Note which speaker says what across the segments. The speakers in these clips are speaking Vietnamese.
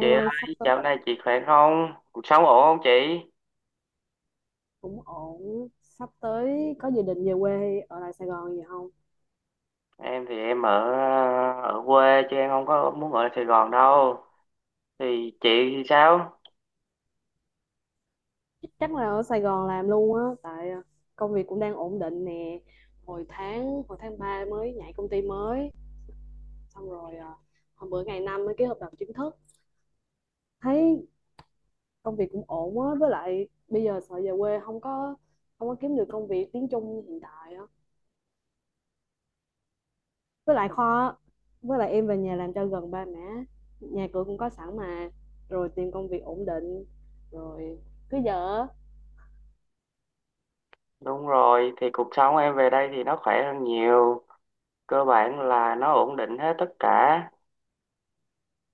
Speaker 1: Chị
Speaker 2: ơi, sắp
Speaker 1: ơi,
Speaker 2: tới
Speaker 1: dạo này chị khỏe không? Cuộc sống ổn không chị?
Speaker 2: cũng ổn, sắp tới có dự định về quê ở lại Sài Gòn gì không?
Speaker 1: Em thì em ở ở quê chứ em không có muốn ở Sài Gòn đâu. Thì chị thì sao?
Speaker 2: Chắc là ở Sài Gòn làm luôn á, tại công việc cũng đang ổn định nè. Hồi tháng 3 mới nhảy công ty mới, xong rồi, hôm bữa ngày 5 mới ký hợp đồng chính thức. Thấy công việc cũng ổn á, với lại bây giờ sợ về quê không có kiếm được công việc tiếng Trung hiện tại á. Với lại kho, á. Với lại em về nhà làm cho gần ba mẹ, nhà cửa cũng có sẵn mà, rồi tìm công việc ổn định, rồi cứ giờ
Speaker 1: Đúng rồi, thì cuộc sống em về đây thì nó khỏe hơn nhiều, cơ bản là nó ổn định hết tất cả.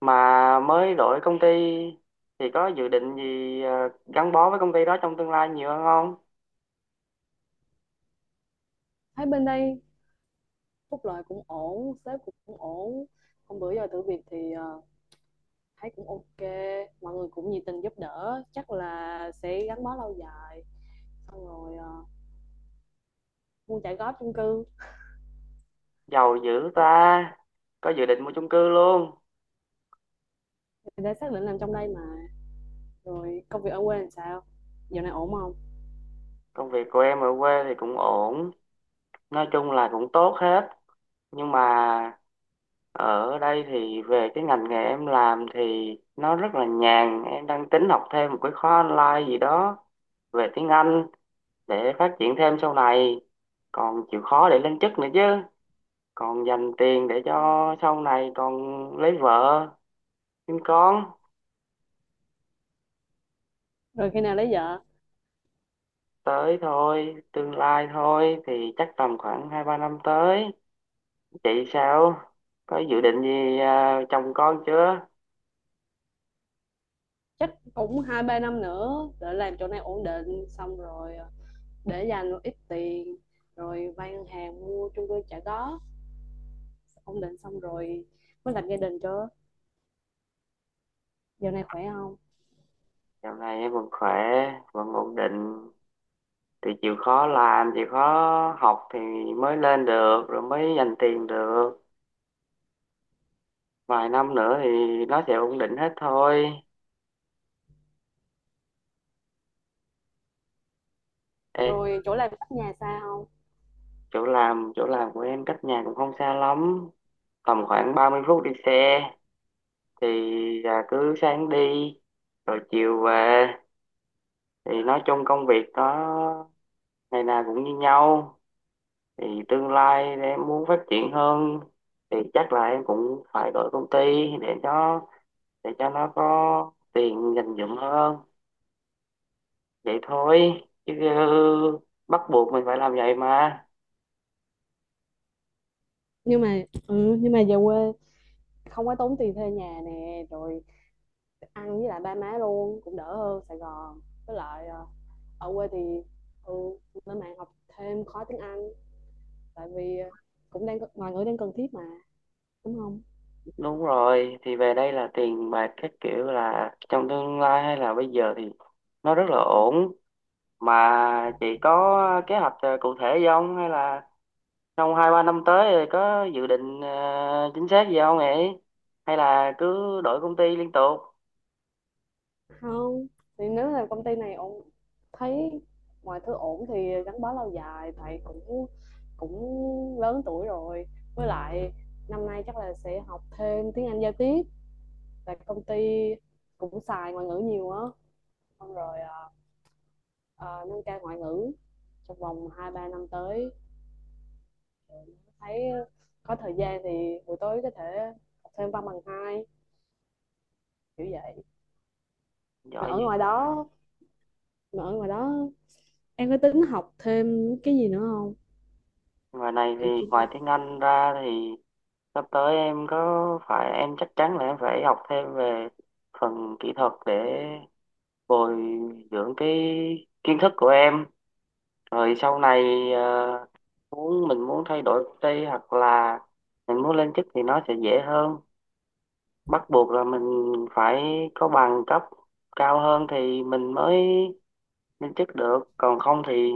Speaker 1: Mà mới đổi công ty thì có dự định gì gắn bó với công ty đó trong tương lai nhiều hơn không?
Speaker 2: thấy bên đây phúc lợi cũng ổn, sếp cũng ổn. Hôm bữa giờ thử việc thì thấy cũng ok, mọi người cũng nhiệt tình giúp đỡ, chắc là sẽ gắn bó lâu dài. Xong rồi mua trả góp chung cư,
Speaker 1: Giàu dữ ta, có dự định mua chung cư luôn.
Speaker 2: thì đã xác định làm trong đây mà. Rồi công việc ở quê làm sao, dạo này ổn không?
Speaker 1: Công việc của em ở quê thì cũng ổn, nói chung là cũng tốt hết. Nhưng mà ở đây thì về cái ngành nghề em làm thì nó rất là nhàn, em đang tính học thêm một cái khóa online gì đó về tiếng Anh để phát triển thêm sau này, còn chịu khó để lên chức nữa chứ, còn dành tiền để cho sau này còn lấy vợ sinh con.
Speaker 2: Rồi khi nào lấy vợ?
Speaker 1: Tới thôi, tương lai thôi thì chắc tầm khoảng 2-3 năm tới. Chị sao, có dự định gì chồng con chưa?
Speaker 2: Chắc cũng 2-3 năm nữa để làm chỗ này ổn định, xong rồi để dành một ít tiền, rồi vay ngân hàng mua chung cư trả góp, ổn định xong rồi mới lập gia đình cho. Giờ này khỏe không?
Speaker 1: Dạo này em vẫn khỏe, vẫn ổn định, thì chịu khó làm chịu khó học thì mới lên được, rồi mới dành tiền được, vài năm nữa thì nó sẽ ổn định hết thôi. Ê,
Speaker 2: Rồi chỗ làm cách nhà xa không?
Speaker 1: chỗ làm của em cách nhà cũng không xa lắm, tầm khoảng 30 phút đi xe, thì là cứ sáng đi rồi chiều về. Thì nói chung công việc nó ngày nào cũng như nhau, thì tương lai em muốn phát triển hơn thì chắc là em cũng phải đổi công ty để cho để cho nó có tiền dành dụm hơn. Vậy thôi chứ bắt buộc mình phải làm vậy mà.
Speaker 2: Nhưng mà về quê không có tốn tiền thuê nhà nè, rồi ăn với lại ba má luôn cũng đỡ hơn Sài Gòn. Với lại ở quê thì ừ lên mạng học thêm khóa tiếng Anh, tại vì cũng đang ngoài ngữ đang cần thiết mà, đúng không?
Speaker 1: Đúng rồi, thì về đây là tiền bạc các kiểu, là trong tương lai hay là bây giờ thì nó rất là ổn. Mà chị có kế hoạch cụ thể gì không, hay là trong 2-3 năm tới rồi có dự định chính xác gì không ấy, hay là cứ đổi công ty liên tục?
Speaker 2: Không, thì nếu là công ty này ổn, thấy mọi thứ ổn thì gắn bó lâu dài, tại cũng cũng lớn tuổi rồi. Với lại năm nay chắc là sẽ học thêm tiếng Anh giao tiếp, tại công ty cũng xài ngoại ngữ nhiều á. Xong rồi, nâng cao ngoại ngữ trong vòng 2-3 năm tới, thấy có thời gian thì buổi tối có thể học thêm văn bằng 2, kiểu vậy. mà
Speaker 1: Giỏi
Speaker 2: ở
Speaker 1: dữ.
Speaker 2: ngoài đó mà ở ngoài đó em có tính học thêm cái gì nữa không,
Speaker 1: Ngoài này thì,
Speaker 2: kiểu chuyên?
Speaker 1: ngoài tiếng Anh ra thì sắp tới em có phải em chắc chắn là em phải học thêm về phần kỹ thuật để bồi dưỡng cái kiến thức của em, rồi sau này ờ, muốn mình muốn thay đổi công ty hoặc là mình muốn lên chức thì nó sẽ dễ hơn. Bắt buộc là mình phải có bằng cấp cao hơn thì mình mới lên chức được, còn không thì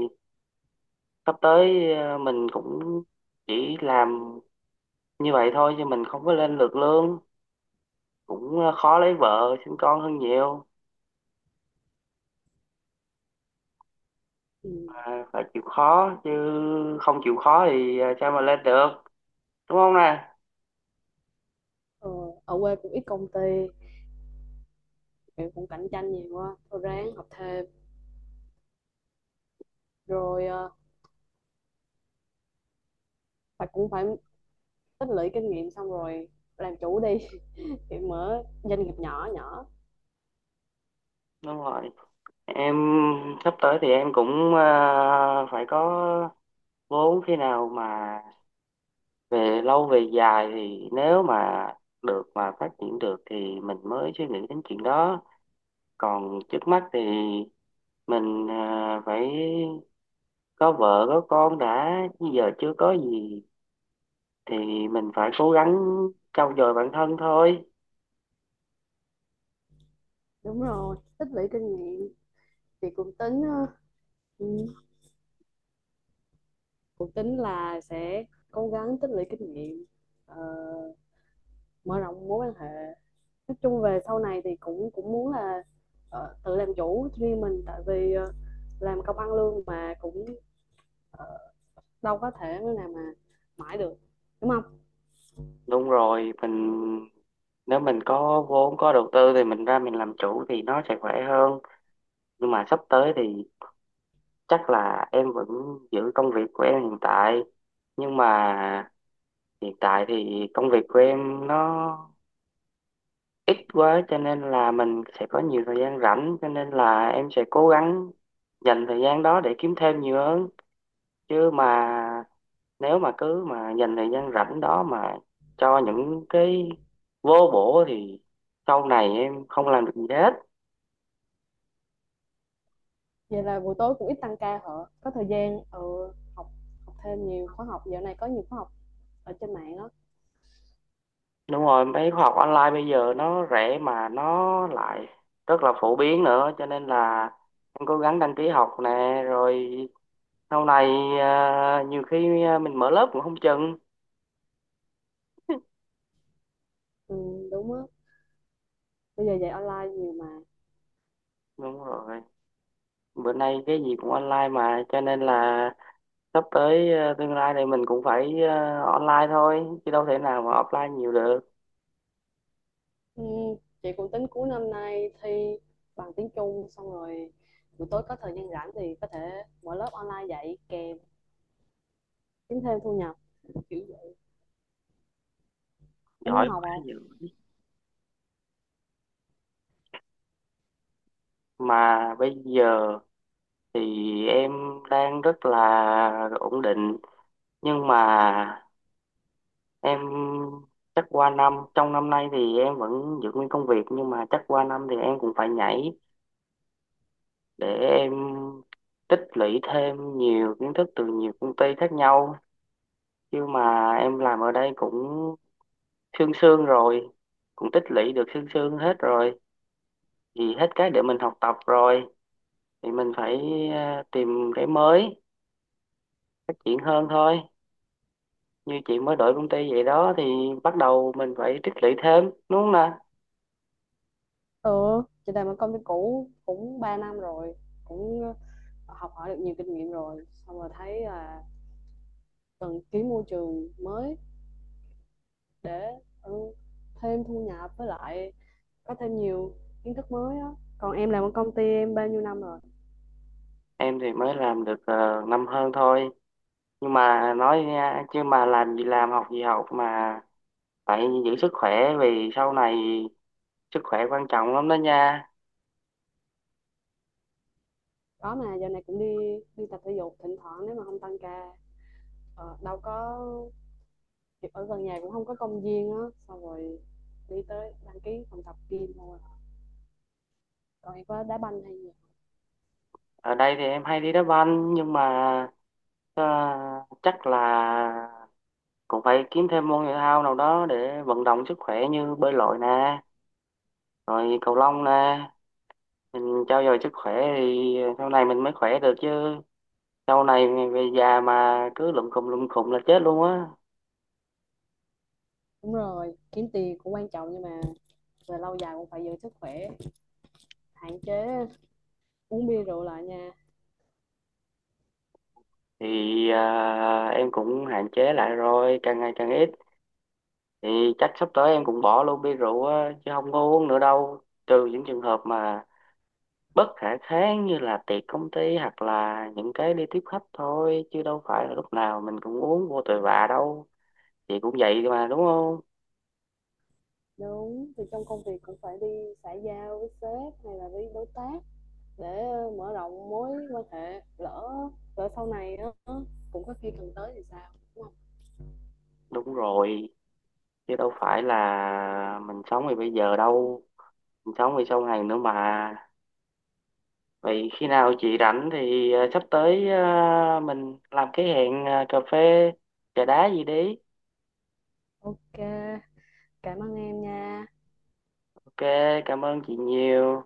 Speaker 1: sắp tới mình cũng chỉ làm như vậy thôi chứ mình không có lên được lương, cũng khó lấy vợ sinh con hơn nhiều.
Speaker 2: Ừm,
Speaker 1: À, phải chịu khó chứ, không chịu khó thì sao mà lên được, đúng không nè?
Speaker 2: ờ, Ở quê cũng ít công ty, kiểu cũng cạnh tranh nhiều quá, thôi ráng học thêm, rồi cũng phải tích lũy kinh nghiệm xong rồi làm chủ đi, thì mở doanh nghiệp nhỏ nhỏ.
Speaker 1: Đúng rồi, em sắp tới thì em cũng phải có vốn. Khi nào mà về lâu về dài thì nếu mà được mà phát triển được thì mình mới suy nghĩ đến chuyện đó, còn trước mắt thì mình phải có vợ có con đã, bây giờ chưa có gì thì mình phải cố gắng trau dồi bản thân thôi.
Speaker 2: Đúng rồi, tích lũy kinh nghiệm thì ừm, cũng tính là sẽ cố gắng tích lũy kinh nghiệm, ờ, mở rộng mối quan hệ. Nói chung về sau này thì cũng cũng muốn là tự làm chủ riêng mình, tại vì làm công ăn lương mà cũng, ờ, đâu có thể nào mà mãi được, đúng không?
Speaker 1: Đúng rồi, mình nếu mình có vốn có đầu tư thì mình ra mình làm chủ thì nó sẽ khỏe hơn. Nhưng mà sắp tới thì chắc là em vẫn giữ công việc của em hiện tại. Nhưng mà hiện tại thì công việc của em nó ít quá, cho nên là mình sẽ có nhiều thời gian rảnh, cho nên là em sẽ cố gắng dành thời gian đó để kiếm thêm nhiều hơn. Chứ mà nếu mà cứ mà dành thời gian rảnh đó mà cho những cái vô bổ thì sau này em không làm được gì hết.
Speaker 2: Vậy là buổi tối cũng ít tăng ca hả? Có thời gian ừ, học học thêm nhiều khóa học, dạo này có nhiều khóa học ở trên mạng đó.
Speaker 1: Đúng rồi, mấy khóa học online bây giờ nó rẻ mà nó lại rất là phổ biến nữa, cho nên là em cố gắng đăng ký học nè, rồi sau này nhiều khi mình mở lớp cũng không chừng.
Speaker 2: Ừ, đúng á, bây giờ dạy online nhiều mà.
Speaker 1: Đúng rồi, bữa nay cái gì cũng online mà, cho nên là sắp tới tương lai này mình cũng phải online thôi chứ đâu thể nào mà offline nhiều được.
Speaker 2: Ừ, chị cũng tính cuối năm nay thi bằng tiếng Trung, xong rồi buổi tối có thời gian rảnh thì có thể mở lớp online dạy kèm kiếm thêm thu nhập, kiểu vậy. Có muốn
Speaker 1: Giỏi
Speaker 2: học
Speaker 1: quá
Speaker 2: không?
Speaker 1: dữ. Mà bây giờ thì em đang rất là ổn định, nhưng mà em chắc qua năm, trong năm nay thì em vẫn giữ nguyên công việc, nhưng mà chắc qua năm thì em cũng phải nhảy để em tích lũy thêm nhiều kiến thức từ nhiều công ty khác nhau. Chứ mà em làm ở đây cũng sương sương rồi, cũng tích lũy được sương sương hết rồi, thì hết cái để mình học tập rồi, thì mình phải tìm cái mới phát triển hơn thôi. Như chị mới đổi công ty vậy đó thì bắt đầu mình phải tích lũy thêm, đúng không nè?
Speaker 2: Ừ, chị làm ở công ty cũ cũng 3 năm rồi, cũng học hỏi được nhiều kinh nghiệm rồi, xong rồi thấy là cần ký môi trường mới để ừ, thêm thu nhập, với lại có thêm nhiều kiến thức mới á. Còn em làm ở công ty em bao nhiêu năm rồi?
Speaker 1: Em thì mới làm được năm hơn thôi. Nhưng mà nói nha, chứ mà làm gì làm, học gì học mà phải giữ sức khỏe, vì sau này sức khỏe quan trọng lắm đó nha.
Speaker 2: Có mà giờ này cũng đi đi tập thể dục thỉnh thoảng nếu mà không tăng ca. Đâu có, ở gần nhà cũng không có công viên á, xong rồi đi tới đăng ký phòng tập gym thôi. Còn em có đá banh hay gì?
Speaker 1: Ở đây thì em hay đi đá banh nhưng mà ờ, chắc là cũng phải kiếm thêm môn thể thao nào đó để vận động sức khỏe, như bơi lội nè rồi cầu lông nè, mình cho dồi sức khỏe thì sau này mình mới khỏe được chứ. Sau này về già mà cứ lụm khùm là chết luôn á.
Speaker 2: Đúng rồi, kiếm tiền cũng quan trọng nhưng mà về lâu dài cũng phải giữ sức khỏe, hạn chế uống bia rượu lại nha.
Speaker 1: Thì à, em cũng hạn chế lại rồi, càng ngày càng ít, thì chắc sắp tới em cũng bỏ luôn bia rượu á chứ không có uống nữa đâu, trừ những trường hợp mà bất khả kháng như là tiệc công ty hoặc là những cái đi tiếp khách, thôi chứ đâu phải là lúc nào mình cũng uống vô tội vạ đâu. Chị cũng vậy mà, đúng không?
Speaker 2: Đúng, thì trong công việc cũng phải đi xã giao với sếp hay là với đối tác để mở rộng mối quan hệ, lỡ lỡ sau này á cũng có khi cần tới thì sao, đúng không?
Speaker 1: Đúng rồi, chứ đâu phải là mình sống thì bây giờ đâu, sống thì song hành nữa mà. Vậy khi nào chị rảnh thì sắp tới mình làm cái hẹn cà phê trà đá gì đi.
Speaker 2: Ok, cảm ơn em nha.
Speaker 1: Ok, cảm ơn chị nhiều.